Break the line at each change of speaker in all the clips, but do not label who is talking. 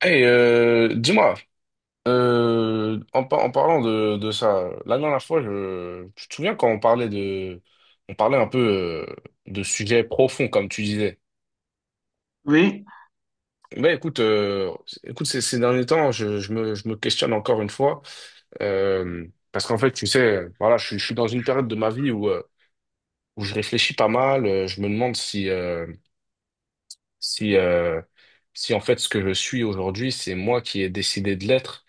Hey, dis-moi, en parlant de ça, la dernière fois, je te souviens quand on parlait un peu euh, de sujets profonds, comme tu disais.
Oui,
Ben écoute, ces derniers temps, je me questionne encore une fois, parce qu'en fait, tu sais, voilà, je suis dans une période de ma vie où je réfléchis pas mal, je me demande si, euh, si en fait, ce que je suis aujourd'hui, c'est moi qui ai décidé de l'être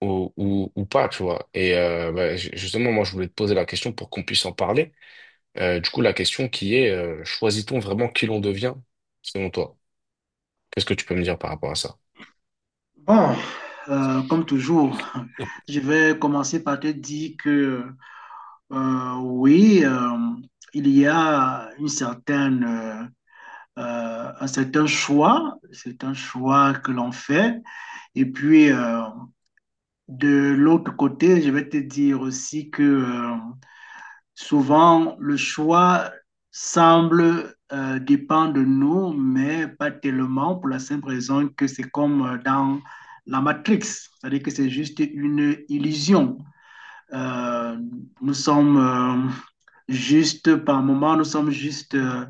ou pas, tu vois. Et bah, justement, moi, je voulais te poser la question pour qu'on puisse en parler. Du coup, la question qui est, choisit-on vraiment qui l'on devient, selon toi? Qu'est-ce que tu peux me dire par rapport à ça?
bon, comme toujours, je vais commencer par te dire que oui, il y a une certaine, un certain choix, c'est un choix que l'on fait. Et puis, de l'autre côté, je vais te dire aussi que souvent, le choix semble dépendre de nous, mais pas tellement pour la simple raison que c'est comme dans la Matrix, c'est-à-dire que c'est juste une illusion. Euh, Nous sommes juste, par moment, nous sommes juste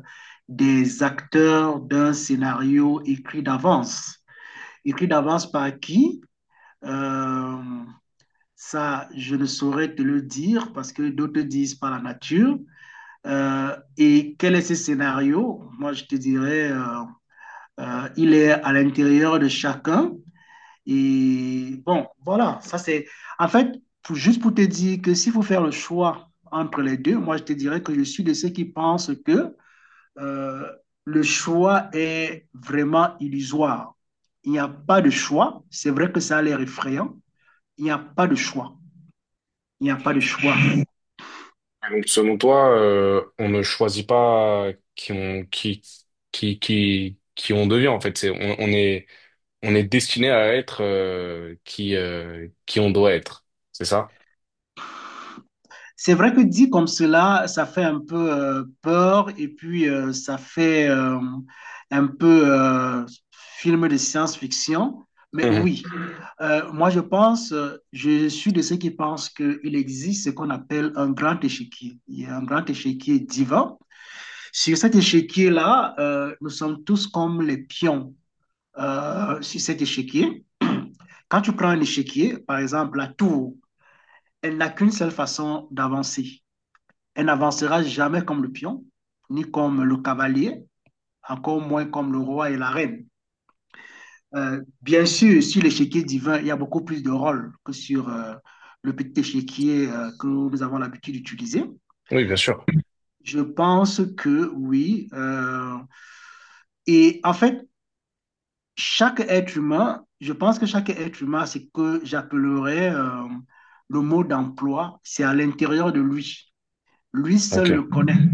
des acteurs d'un scénario écrit d'avance. Écrit d'avance par qui? Euh, Ça, je ne saurais te le dire parce que d'autres disent par la nature. Et quel est ce scénario? Moi, je te dirais, il est à l'intérieur de chacun. Et bon, voilà, ça c'est... Juste pour te dire que s'il faut faire le choix entre les deux, moi, je te dirais que je suis de ceux qui pensent que euh, le choix est vraiment illusoire. Il n'y a pas de choix. C'est vrai que ça a l'air effrayant. Il n'y a pas de choix. Il n'y a pas de choix.
Donc, selon toi, on ne choisit pas qui on, qui, qui on devient, en fait. On est destiné à être qui on doit être. C'est ça?
C'est vrai que dit comme cela, ça fait un peu peur et puis ça fait un peu film de science-fiction. Mais
Mhm.
oui, moi je pense, je suis de ceux qui pensent qu'il existe ce qu'on appelle un grand échiquier. Il y a un grand échiquier divin. Sur cet échiquier-là, nous sommes tous comme les pions sur cet échiquier. Quand tu prends un échiquier, par exemple la tour, elle n'a qu'une seule façon d'avancer. Elle n'avancera jamais comme le pion, ni comme le cavalier, encore moins comme le roi et la reine. Bien sûr, sur l'échiquier divin, il y a beaucoup plus de rôles que sur le petit échiquier que nous avons l'habitude d'utiliser.
Oui, bien sûr.
Je pense que oui. Et en fait, je pense que chaque être humain, c'est que j'appellerais le mot d'emploi, c'est à l'intérieur de lui. Lui
Ok.
seul le connaît.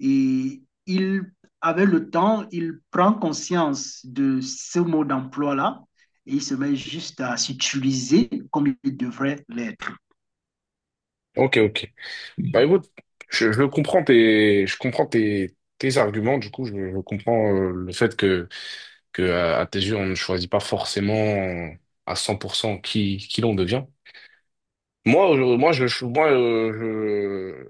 Et il, avec le temps, il prend conscience de ce mode d'emploi-là et il se met juste à s'utiliser comme il devrait l'être.
Ok, ok. Bah écoute, je comprends tes arguments, du coup, je comprends le fait que à tes yeux, on ne choisit pas forcément à 100% qui l'on devient. Moi, moi, moi,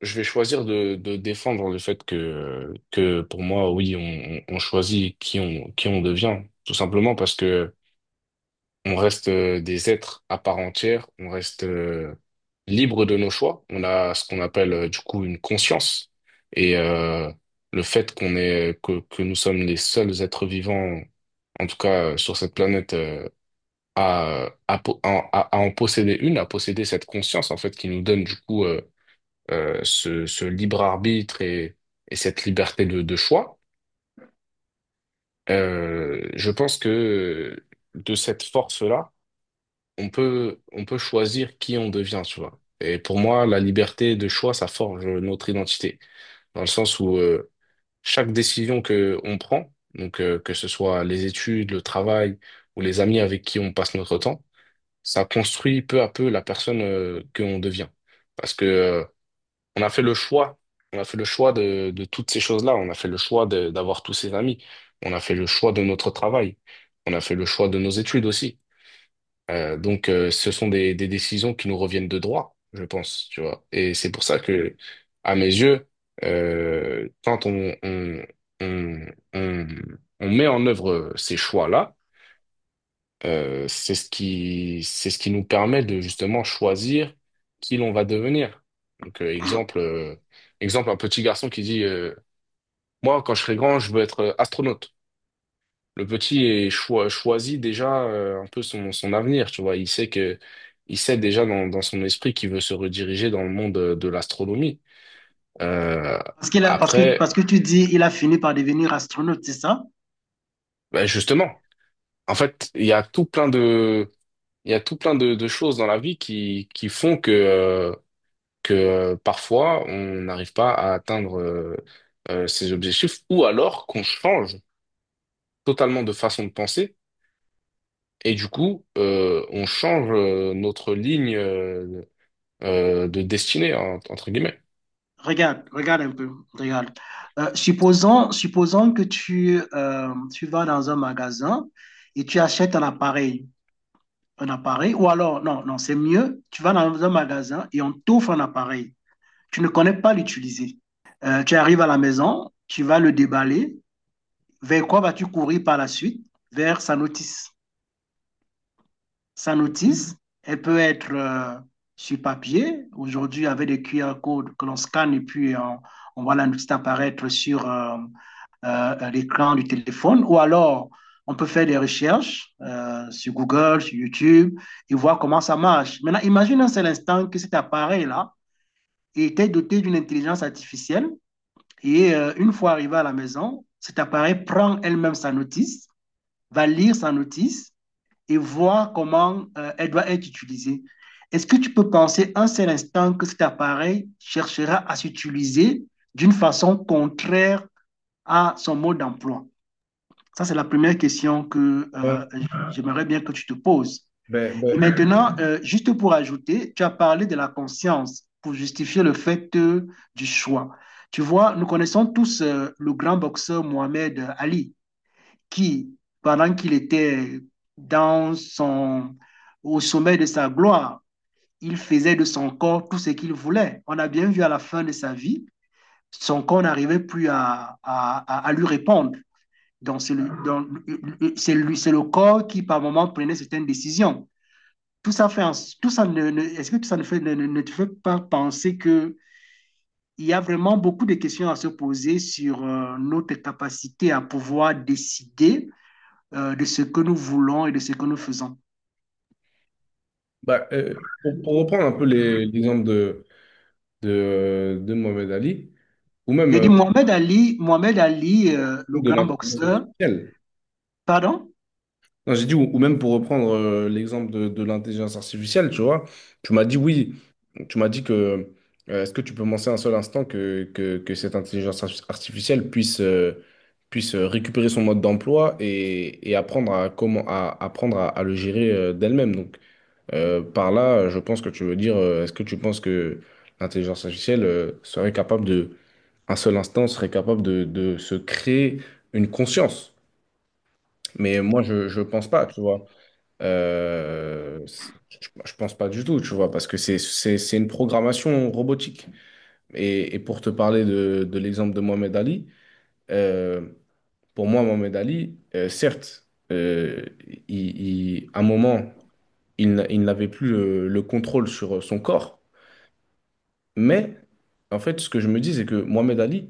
je vais choisir de défendre le fait que pour moi, oui, on choisit qui on devient, tout simplement parce que on reste des êtres à part entière, on reste libre de nos choix. On a ce qu'on appelle du coup une conscience. Et le fait que nous sommes les seuls êtres vivants, en tout cas sur cette planète, à en posséder une, à posséder cette conscience en fait qui nous donne du coup ce libre arbitre et cette liberté de choix. Je pense que de cette force-là on peut choisir qui on devient, tu vois. Et pour moi, la liberté de choix, ça forge notre identité, dans le sens où chaque décision que on prend, donc que ce soit les études, le travail ou les amis avec qui on passe notre temps, ça construit peu à peu la personne que on devient. Parce que on a fait le choix, on a fait le choix de toutes ces choses-là, on a fait le choix d'avoir tous ces amis, on a fait le choix de notre travail, on a fait le choix de nos études aussi. Donc, ce sont des décisions qui nous reviennent de droit, je pense, tu vois. Et c'est pour ça que, à mes yeux, quand on, on, on met en œuvre ces choix-là, c'est ce qui nous permet de justement choisir qui l'on va devenir. Donc, exemple, un petit garçon qui dit, moi, quand je serai grand, je veux être astronaute. Le petit choisit déjà un peu son avenir, tu vois. Il sait déjà dans son esprit qu'il veut se rediriger dans le monde de l'astronomie. Euh,
Parce, qu'il a- parce
Après,
que tu dis il a fini par devenir astronaute, c'est ça?
ben justement, en fait, il y a tout plein de choses dans la vie qui font que parfois on n'arrive pas à atteindre ses objectifs ou alors qu'on change totalement de façon de penser. Et du coup, on change notre ligne de destinée, hein, entre guillemets.
Regarde, regarde un peu, regarde. Supposons que tu vas dans un magasin et tu achètes un appareil, ou alors, non, non, c'est mieux, tu vas dans un magasin et on t'offre un appareil. Tu ne connais pas l'utiliser. Tu arrives à la maison, tu vas le déballer. Vers quoi vas-tu courir par la suite? Vers sa notice. Sa notice, elle peut être sur papier. Aujourd'hui, avec des QR codes que l'on scanne et on voit la notice apparaître sur l'écran du téléphone, ou alors on peut faire des recherches sur Google, sur YouTube, et voir comment ça marche. Maintenant, imagine un seul instant que cet appareil-là était doté d'une intelligence artificielle, et une fois arrivé à la maison, cet appareil prend elle-même sa notice, va lire sa notice et voir comment elle doit être utilisée. Est-ce que tu peux penser un seul instant que cet appareil cherchera à s'utiliser d'une façon contraire à son mode d'emploi? Ça, c'est la première question que
Ouais,
j'aimerais bien que tu te poses.
ben,
Et
ben,
maintenant, juste pour ajouter, tu as parlé de la conscience pour justifier le fait du choix. Tu vois, nous connaissons tous le grand boxeur Mohamed Ali, qui, pendant qu'il était dans son, au sommet de sa gloire, il faisait de son corps tout ce qu'il voulait. On a bien vu à la fin de sa vie, son corps n'arrivait plus à lui répondre. Donc, c'est le corps qui, par moment, prenait certaines décisions. Tout ça fait, tout ça ne, ne- est-ce que tout ça ne, fait, ne, ne- te fait pas penser que il y a vraiment beaucoup de questions à se poser sur notre capacité à pouvoir décider de ce que nous voulons et de ce que nous faisons.
ben, pour reprendre un peu l'exemple de Mohamed Ali, ou même
J'ai dit Mohamed Ali, Mohamed Ali, le
de
grand
l'intelligence
boxeur,
artificielle.
pardon?
Non, j'ai dit, ou même pour reprendre l'exemple de l'intelligence artificielle, tu vois, tu m'as dit oui, tu m'as dit que, est-ce que tu peux penser un seul instant que cette intelligence artificielle puisse récupérer son mode d'emploi et apprendre apprendre à le gérer d'elle-même. Donc. Par là, je pense que tu veux dire, est-ce que tu penses que l'intelligence artificielle serait capable un seul instant, serait capable de se créer une conscience? Mais moi, je ne pense pas, tu vois. Euh, c'est- je pense pas du tout, tu vois, parce que c'est une programmation robotique. Et pour te parler de l'exemple de Mohamed Ali, euh, pour moi, Mohamed Ali, certes, à un moment, il, n'a- il n'avait plus le contrôle sur son corps. Mais en fait, ce que je me dis, c'est que Mohamed Ali,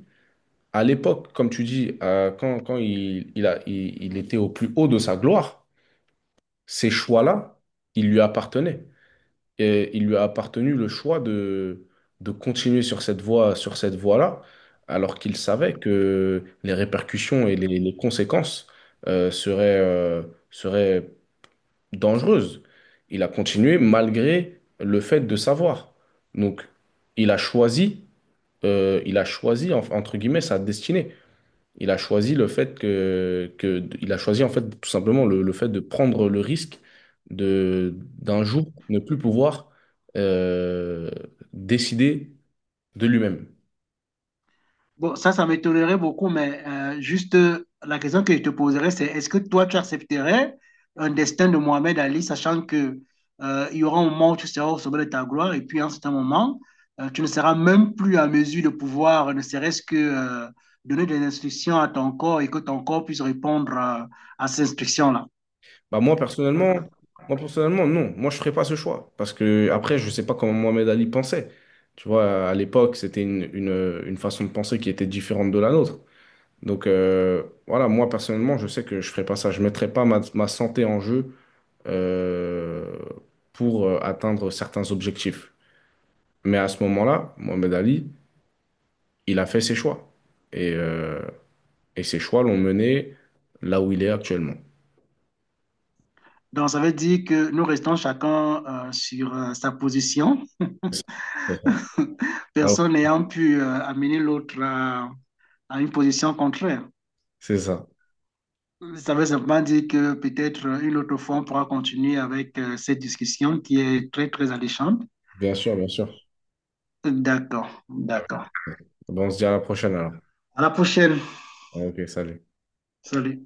à l'époque, comme tu dis, quand il était au plus haut de sa gloire, ces choix-là, ils lui appartenaient. Et il lui a appartenu le choix de continuer sur cette voie, sur cette voie-là, alors qu'il savait que les répercussions et les conséquences euh, seraient, euh, seraient dangereuses. Il a continué malgré le fait de savoir. Donc, il a choisi il a choisi entre guillemets sa destinée. Il a choisi le fait que il a choisi en fait tout simplement le fait de prendre le risque de d'un jour ne plus pouvoir euh, décider de lui-même.
Bon, ça m'étonnerait beaucoup, mais juste la question que je te poserais, c'est est-ce que toi, tu accepterais un destin de Mohamed Ali, sachant que il y aura un moment où tu seras au sommet de ta gloire, et puis à un certain moment, tu ne seras même plus en mesure de pouvoir, ne serait-ce que donner des instructions à ton corps et que ton corps puisse répondre à ces instructions-là.
Bah moi personnellement non, moi je ferais pas ce choix parce que après je sais pas comment Mohamed Ali pensait. Tu vois, à l'époque, c'était une façon de penser qui était différente de la nôtre. Donc voilà, moi personnellement, je sais que je ferais pas ça. Je mettrais pas ma santé en jeu euh, pour atteindre certains objectifs. Mais à ce moment-là, Mohamed Ali, il a fait ses choix. Et, euh, et ses choix l'ont mené là où il est actuellement.
Donc, ça veut dire que nous restons chacun sur sa position,
C'est ça. Ah ouais,
personne n'ayant pu amener l'autre à une position contraire.
c'est ça.
Ça veut simplement dire que peut-être une autre fois, on pourra continuer avec cette discussion qui est très, très alléchante.
Bien sûr, bien sûr.
D'accord,
Ah
d'accord.
ouais. Bon, on se dit à la prochaine alors.
À la prochaine.
Ok, salut.
Salut.